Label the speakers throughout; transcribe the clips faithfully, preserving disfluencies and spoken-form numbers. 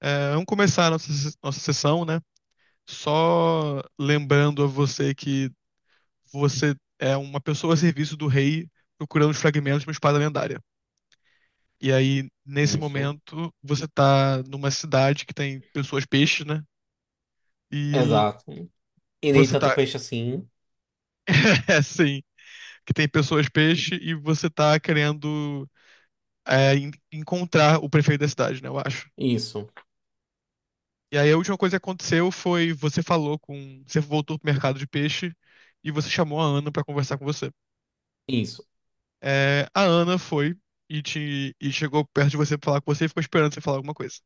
Speaker 1: É, vamos começar a nossa, se- nossa sessão, né? Só lembrando a você que você é uma pessoa a serviço do rei procurando os fragmentos de uma espada lendária. E aí, nesse
Speaker 2: Isso.
Speaker 1: momento, você tá numa cidade que tem pessoas peixe, né? E
Speaker 2: Exato. E nem
Speaker 1: você
Speaker 2: tanto
Speaker 1: tá,
Speaker 2: peixe assim.
Speaker 1: é, sim, que tem pessoas peixe e você tá querendo é, en- encontrar o prefeito da cidade, né? Eu acho.
Speaker 2: Isso.
Speaker 1: E aí, a última coisa que aconteceu foi você falou com, você voltou pro mercado de peixe e você chamou a Ana pra conversar com você.
Speaker 2: Isso.
Speaker 1: É, a Ana foi e, te, e chegou perto de você pra falar com você e ficou esperando você falar alguma coisa.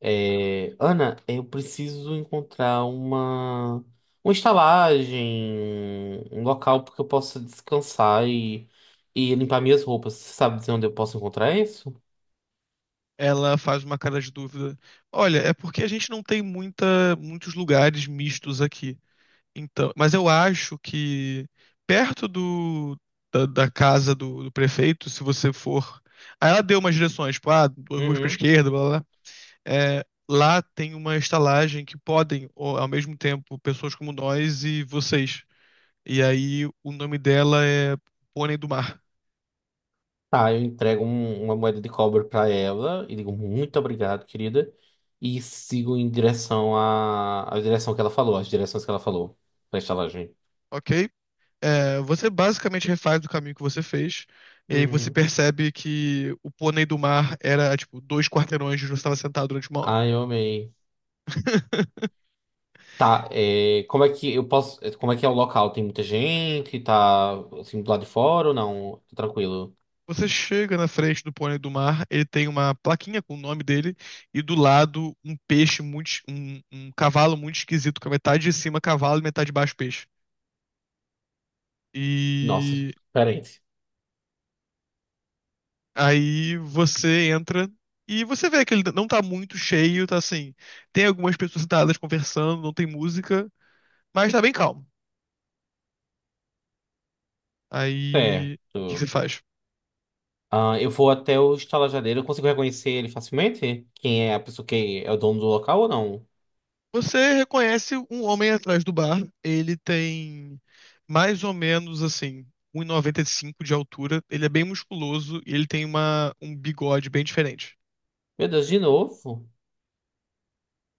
Speaker 2: É, Ana, eu preciso encontrar uma, uma estalagem, um local porque eu possa descansar e, e limpar minhas roupas. Você sabe dizer onde eu posso encontrar isso?
Speaker 1: Ela faz uma cara de dúvida. Olha, é porque a gente não tem muita, muitos lugares mistos aqui. Então, mas eu acho que perto do, da, da casa do, do prefeito, se você for. Aí ela deu umas direções, tipo, ah, duas ruas pra
Speaker 2: Uhum.
Speaker 1: esquerda, blá blá, blá. É, lá tem uma estalagem que podem, ó, ao mesmo tempo, pessoas como nós e vocês. E aí o nome dela é Pônei do Mar,
Speaker 2: Tá, eu entrego um- uma moeda de cobre pra ela e digo muito obrigado, querida. E sigo em direção à, à direção que ela falou, as direções que ela falou pra estalagem.
Speaker 1: ok? É, você basicamente refaz o caminho que você fez, e aí você
Speaker 2: Uhum.
Speaker 1: percebe que o Pônei do Mar era tipo dois quarteirões onde você estava sentado durante uma hora.
Speaker 2: Ai, eu amei. Tá, é, como é que eu posso. É, como é que é o local? Tem muita gente? Tá assim do lado de fora ou não? Tá tranquilo.
Speaker 1: Você chega na frente do Pônei do Mar, ele tem uma plaquinha com o nome dele, e do lado um peixe muito, es- um, um cavalo muito esquisito, com a metade de cima cavalo e metade de baixo peixe.
Speaker 2: Nossa,
Speaker 1: E
Speaker 2: diferente.
Speaker 1: aí você entra e você vê que ele não tá muito cheio, tá assim. Tem algumas pessoas sentadas conversando, não tem música, mas tá bem calmo. Aí, o que que você
Speaker 2: Certo.
Speaker 1: faz?
Speaker 2: Ah, eu vou até o estalajadeiro. Eu consigo reconhecer ele facilmente? Quem é a pessoa que é o dono do local ou não?
Speaker 1: Você reconhece um homem atrás do bar. Ele tem mais ou menos assim, um 1,95 de altura. Ele é bem musculoso e ele tem uma, um bigode bem diferente.
Speaker 2: Meu Deus, de novo?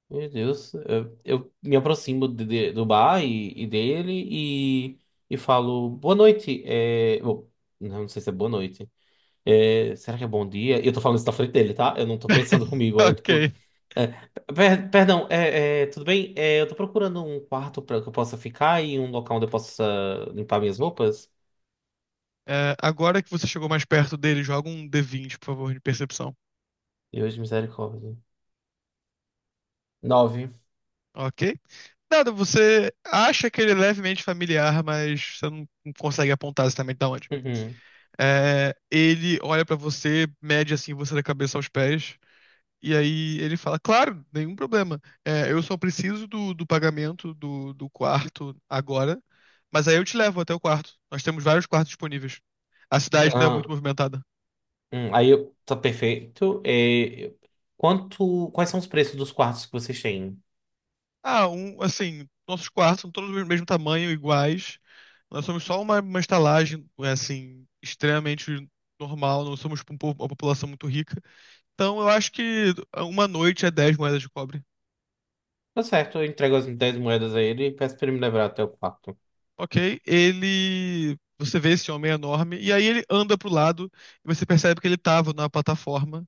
Speaker 2: Meu Deus. Eu, eu me aproximo de- de- do bar e, e dele e, e falo boa noite. É, bom, não sei se é boa noite. É, será que é bom dia? Eu tô falando isso na frente dele, tá? Eu não tô pensando comigo. É tipo.
Speaker 1: Ok.
Speaker 2: É, per- perdão, é, é, tudo bem? É, eu tô procurando um quarto pra que eu possa ficar e um local onde eu possa limpar minhas roupas.
Speaker 1: É, agora que você chegou mais perto dele, joga um D vinte, por favor, de percepção.
Speaker 2: E hoje, misericórdia. Nove.
Speaker 1: Ok. Nada, você acha que ele é levemente familiar, mas você não não consegue apontar exatamente de onde.
Speaker 2: Uhum.
Speaker 1: É, ele olha pra você, mede assim você da cabeça aos pés, e aí ele fala: Claro, nenhum problema. É, eu só preciso do, do pagamento do, do quarto agora, mas aí eu te levo até o quarto. Nós temos vários quartos disponíveis. A cidade não é
Speaker 2: Ah,
Speaker 1: muito movimentada.
Speaker 2: hum, aí eu. Tá perfeito. É, eu- quanto. Quais são os preços dos quartos que vocês têm?
Speaker 1: Ah, um, assim, nossos quartos são todos do mesmo tamanho, iguais. Nós somos só uma, uma estalagem, eh, assim, extremamente normal. Não somos tipo, um po- uma população muito rica. Então, eu acho que uma noite é dez moedas de cobre.
Speaker 2: Tá certo, eu entrego as dez moedas a ele e peço pra ele me levar até o quarto.
Speaker 1: Ok? Ele. Você vê esse homem enorme, e aí ele anda pro lado, e você percebe que ele tava na plataforma.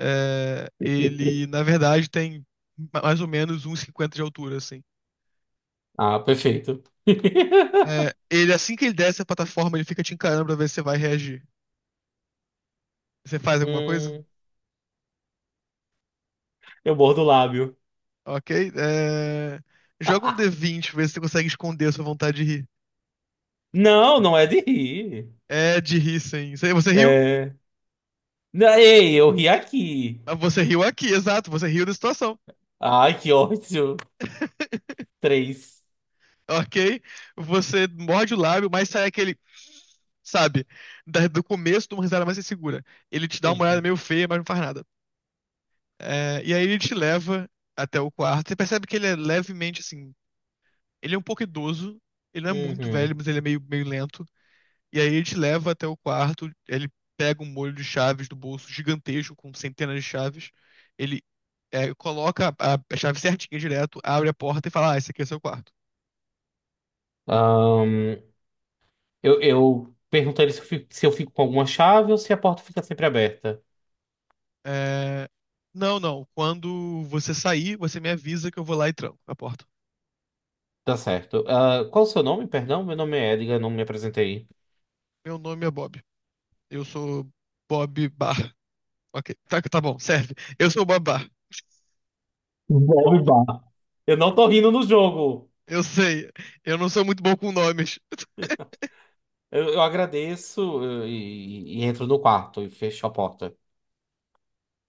Speaker 1: É, ele, na verdade, tem ma- mais ou menos um e cinquenta de altura, assim.
Speaker 2: Ah, perfeito.
Speaker 1: É, ele, assim que ele desce a plataforma, ele fica te encarando pra ver se você vai reagir. Você faz alguma coisa?
Speaker 2: Hum, eu mordo o lábio.
Speaker 1: Ok. É, joga um D vinte, ver se você consegue esconder a sua vontade de rir.
Speaker 2: Não, não é de rir.
Speaker 1: É, de rir, sim. Você, você riu?
Speaker 2: É. Não, ei, eu ri aqui.
Speaker 1: Ah, você riu aqui, exato. Você riu da situação.
Speaker 2: Ai, que ódio. Três.
Speaker 1: Ok? Você morde o lábio, mas sai aquele. Sabe? Da- do começo de uma risada mais insegura. Ele te dá uma olhada
Speaker 2: Uhum.
Speaker 1: meio feia, mas não faz nada. É, e aí ele te leva até o quarto. Você percebe que ele é levemente assim. Ele é um pouco idoso. Ele não é muito velho,
Speaker 2: Uhum.
Speaker 1: mas ele é meio, meio lento. E aí ele te leva até o quarto, ele pega um molho de chaves do bolso gigantesco, com centenas de chaves, ele é, coloca a, a chave certinha direto, abre a porta e fala, ah, esse aqui é seu quarto.
Speaker 2: Ahn, eu, eu perguntaria se eu fico, se eu fico com alguma chave ou se a porta fica sempre aberta.
Speaker 1: É, não, não, quando você sair, você me avisa que eu vou lá e tranco a porta.
Speaker 2: Tá certo. Ah, qual o seu nome? Perdão, meu nome é Edgar, não me apresentei.
Speaker 1: Meu nome é Bob, eu sou Bob Barr. Ok, tá, tá bom, serve. Eu sou o Bob Barr.
Speaker 2: Bob Barr. Eu não tô rindo no jogo.
Speaker 1: Eu sei, eu não sou muito bom com nomes.
Speaker 2: Eu, eu agradeço eu- e, e entro no quarto e fecho a porta.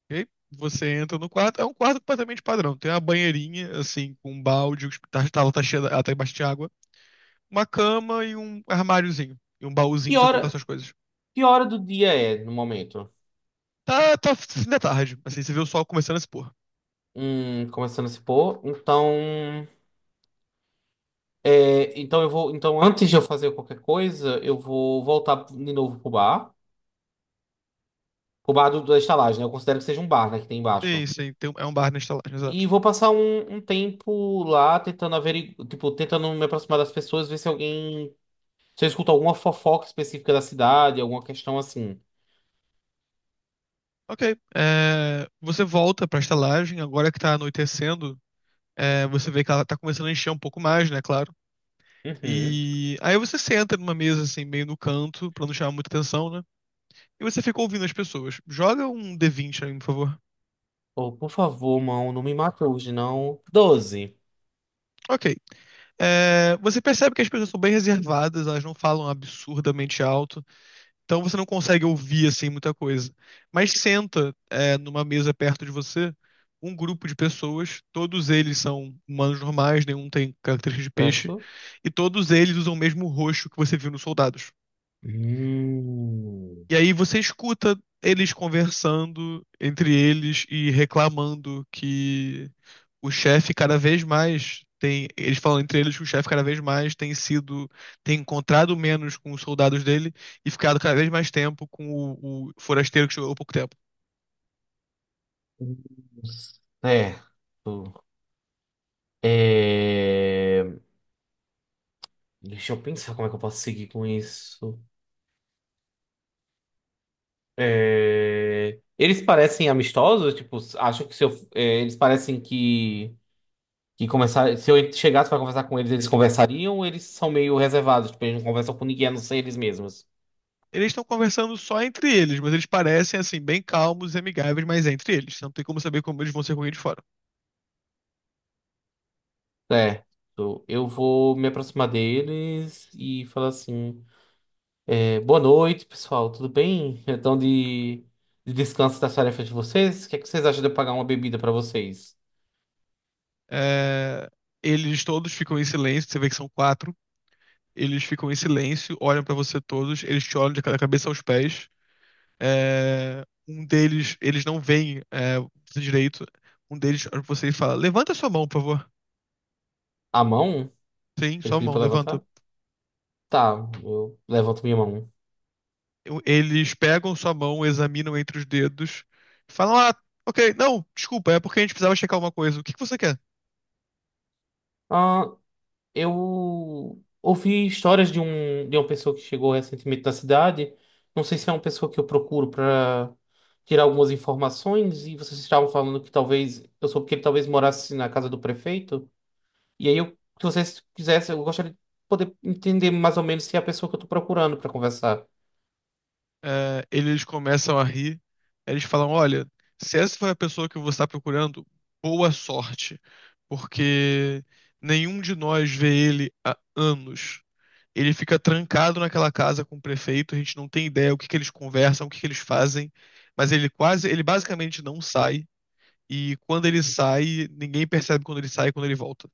Speaker 1: E aí você entra no quarto, é um quarto completamente padrão. Tem uma banheirinha, assim, com um balde, o tá, tá, tá cheia, ela tá embaixo de água, uma cama e um armáriozinho. E um baúzinho
Speaker 2: Que
Speaker 1: pra você colocar
Speaker 2: hora,
Speaker 1: suas coisas.
Speaker 2: que hora do dia é no momento?
Speaker 1: Tá, tá fim da tarde, assim, você vê o sol começando a se pôr.
Speaker 2: Hum, começando a se pôr. Então, é, então eu vou. Então, antes de eu fazer qualquer coisa, eu vou voltar de novo pro bar. Pro bar do, da estalagem, né? Eu considero que seja um bar, né? Que tem
Speaker 1: Sim,
Speaker 2: embaixo.
Speaker 1: sim, tem um- é um bar na estalagem,
Speaker 2: E
Speaker 1: exato.
Speaker 2: vou passar um, um tempo lá tentando averiguar, tipo, tentando me aproximar das pessoas, ver se alguém. Se eu escuto alguma fofoca específica da cidade, alguma questão assim.
Speaker 1: Ok, é, você volta pra estalagem, agora que tá anoitecendo, é, você vê que ela tá começando a encher um pouco mais, né, claro.
Speaker 2: Uhum.
Speaker 1: E aí você senta numa mesa, assim, meio no canto, pra não chamar muita atenção, né? E você fica ouvindo as pessoas. Joga um D vinte aí, por favor.
Speaker 2: Oh, por favor, mão, não me mata hoje, não. Doze.
Speaker 1: Ok. É, você percebe que as pessoas são bem reservadas, elas não falam absurdamente alto, então você não consegue ouvir assim muita coisa. Mas senta, é, numa mesa perto de você um grupo de pessoas, todos eles são humanos normais, nenhum tem característica de peixe,
Speaker 2: Certo?
Speaker 1: e todos eles usam o mesmo roxo que você viu nos soldados.
Speaker 2: Hum.
Speaker 1: E aí você escuta eles conversando entre eles e reclamando que o chefe cada vez mais tem. Eles falam entre eles que o chefe cada vez mais tem sido, tem encontrado menos com os soldados dele e ficado cada vez mais tempo com o, o forasteiro que chegou há pouco tempo.
Speaker 2: Certo. É, deixa eu pensar como é que eu posso seguir com isso. É, eles parecem amistosos, tipo, acho que se eu... é, eles parecem que que conversar se eu chegasse pra conversar com eles, eles conversariam, ou eles são meio reservados, tipo, eles não conversam com ninguém, a não ser eles mesmos.
Speaker 1: Eles estão conversando só entre eles, mas eles parecem assim, bem calmos e amigáveis, mas é entre eles. Você não tem como saber como eles vão ser com alguém de fora.
Speaker 2: Certo. Eu vou me aproximar deles e falar assim: é, boa noite, pessoal, tudo bem? Então de, de descanso das tarefas de vocês, o que é que vocês acham de eu pagar uma bebida pra vocês?
Speaker 1: É, eles todos ficam em silêncio, você vê que são quatro. Eles ficam em silêncio, olham pra você todos, eles te olham de ca- da cabeça aos pés. É, um deles, eles não veem é, você direito. Um deles olha pra você e fala: Levanta sua mão, por favor.
Speaker 2: À mão?
Speaker 1: Sim,
Speaker 2: Ele
Speaker 1: sua
Speaker 2: pediu
Speaker 1: mão,
Speaker 2: pra
Speaker 1: levanta.
Speaker 2: levantar? Tá, eu levanto minha mão.
Speaker 1: Eu- Eles pegam sua mão, examinam entre os dedos, falam: Ah, ok, não, desculpa, é porque a gente precisava checar uma coisa. O que que você quer?
Speaker 2: Ah, eu ouvi histórias de um de uma pessoa que chegou recentemente na cidade. Não sei se é uma pessoa que eu procuro para tirar algumas informações e vocês estavam falando que talvez eu soube que ele talvez morasse na casa do prefeito. E aí eu se vocês quisessem, eu gostaria de poder entender mais ou menos se é a pessoa que eu tô procurando para conversar.
Speaker 1: É, eles começam a rir. Eles falam: Olha, se essa foi a pessoa que você está procurando, boa sorte, porque nenhum de nós vê ele há anos. Ele fica trancado naquela casa com o prefeito, a gente não tem ideia o que que eles conversam, o que que eles fazem, mas ele quase, ele basicamente não sai, e quando ele sai, ninguém percebe quando ele sai e quando ele volta.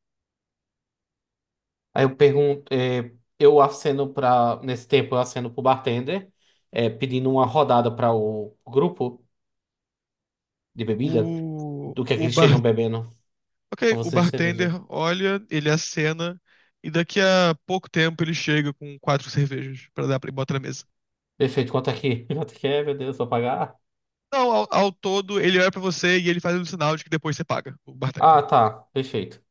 Speaker 2: Aí eu pergunto, é, eu aceno para nesse tempo eu aceno pro bartender, é, pedindo uma rodada para o grupo. De bebida?
Speaker 1: O,
Speaker 2: Do que é que
Speaker 1: o
Speaker 2: eles
Speaker 1: bar
Speaker 2: estejam bebendo?
Speaker 1: Ok,
Speaker 2: Pra
Speaker 1: o
Speaker 2: você de
Speaker 1: bartender
Speaker 2: cerveja.
Speaker 1: olha, ele acena, e daqui a pouco tempo ele chega com quatro cervejas pra dar para botar na mesa.
Speaker 2: Perfeito, quanto é que, quanto é que é, meu Deus, vou pagar?
Speaker 1: Não, ao, ao todo ele olha pra você e ele faz um sinal de que depois você paga, o
Speaker 2: Ah,
Speaker 1: bartender.
Speaker 2: tá, perfeito.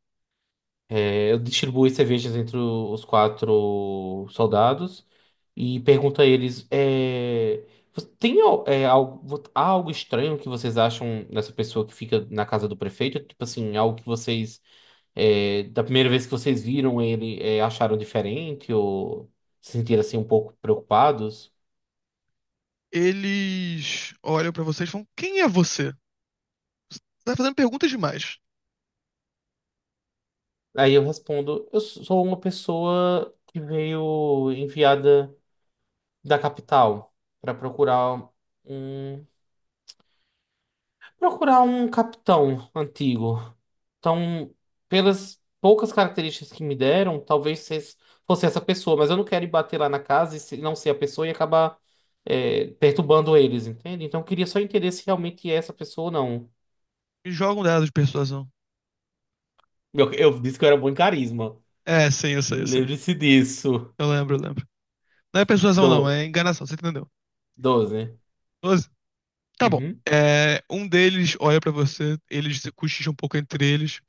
Speaker 2: É, eu distribuo as cervejas entre o- os quatro soldados e pergunto a eles: é, você tem al- é, algo, vo- Há algo estranho que vocês acham nessa pessoa que fica na casa do prefeito? Tipo assim, algo que vocês, é, da primeira vez que vocês viram ele, é, acharam diferente ou se sentiram assim um pouco preocupados?
Speaker 1: Eles olham pra vocês e falam: Quem é você? Você tá fazendo perguntas demais.
Speaker 2: Aí eu respondo: Eu sou uma pessoa que veio enviada da capital para procurar um procurar um capitão antigo. Então, pelas poucas características que me deram, talvez vocês fosse essa pessoa, mas eu não quero ir bater lá na casa e se- não ser a pessoa e acabar é, perturbando eles, entende? Então, eu queria só entender se realmente é essa pessoa ou não.
Speaker 1: E jogam um dado de persuasão.
Speaker 2: Eu, eu disse que eu era bom em carisma.
Speaker 1: É, sim, eu sei, eu sei.
Speaker 2: Lembre-se disso.
Speaker 1: Eu lembro, eu lembro. Não é persuasão, não,
Speaker 2: Do
Speaker 1: é enganação, você entendeu?
Speaker 2: doze.
Speaker 1: doze? Tá bom. É, um deles olha pra você, eles cochicham um pouco entre eles.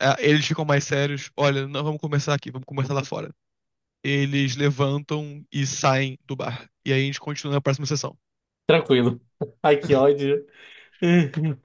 Speaker 1: Ah, eles ficam mais sérios. Olha, não vamos começar aqui, vamos começar lá fora. Eles levantam e saem do bar. E aí a gente continua na próxima sessão.
Speaker 2: Tranquilo. Ai, que ódio.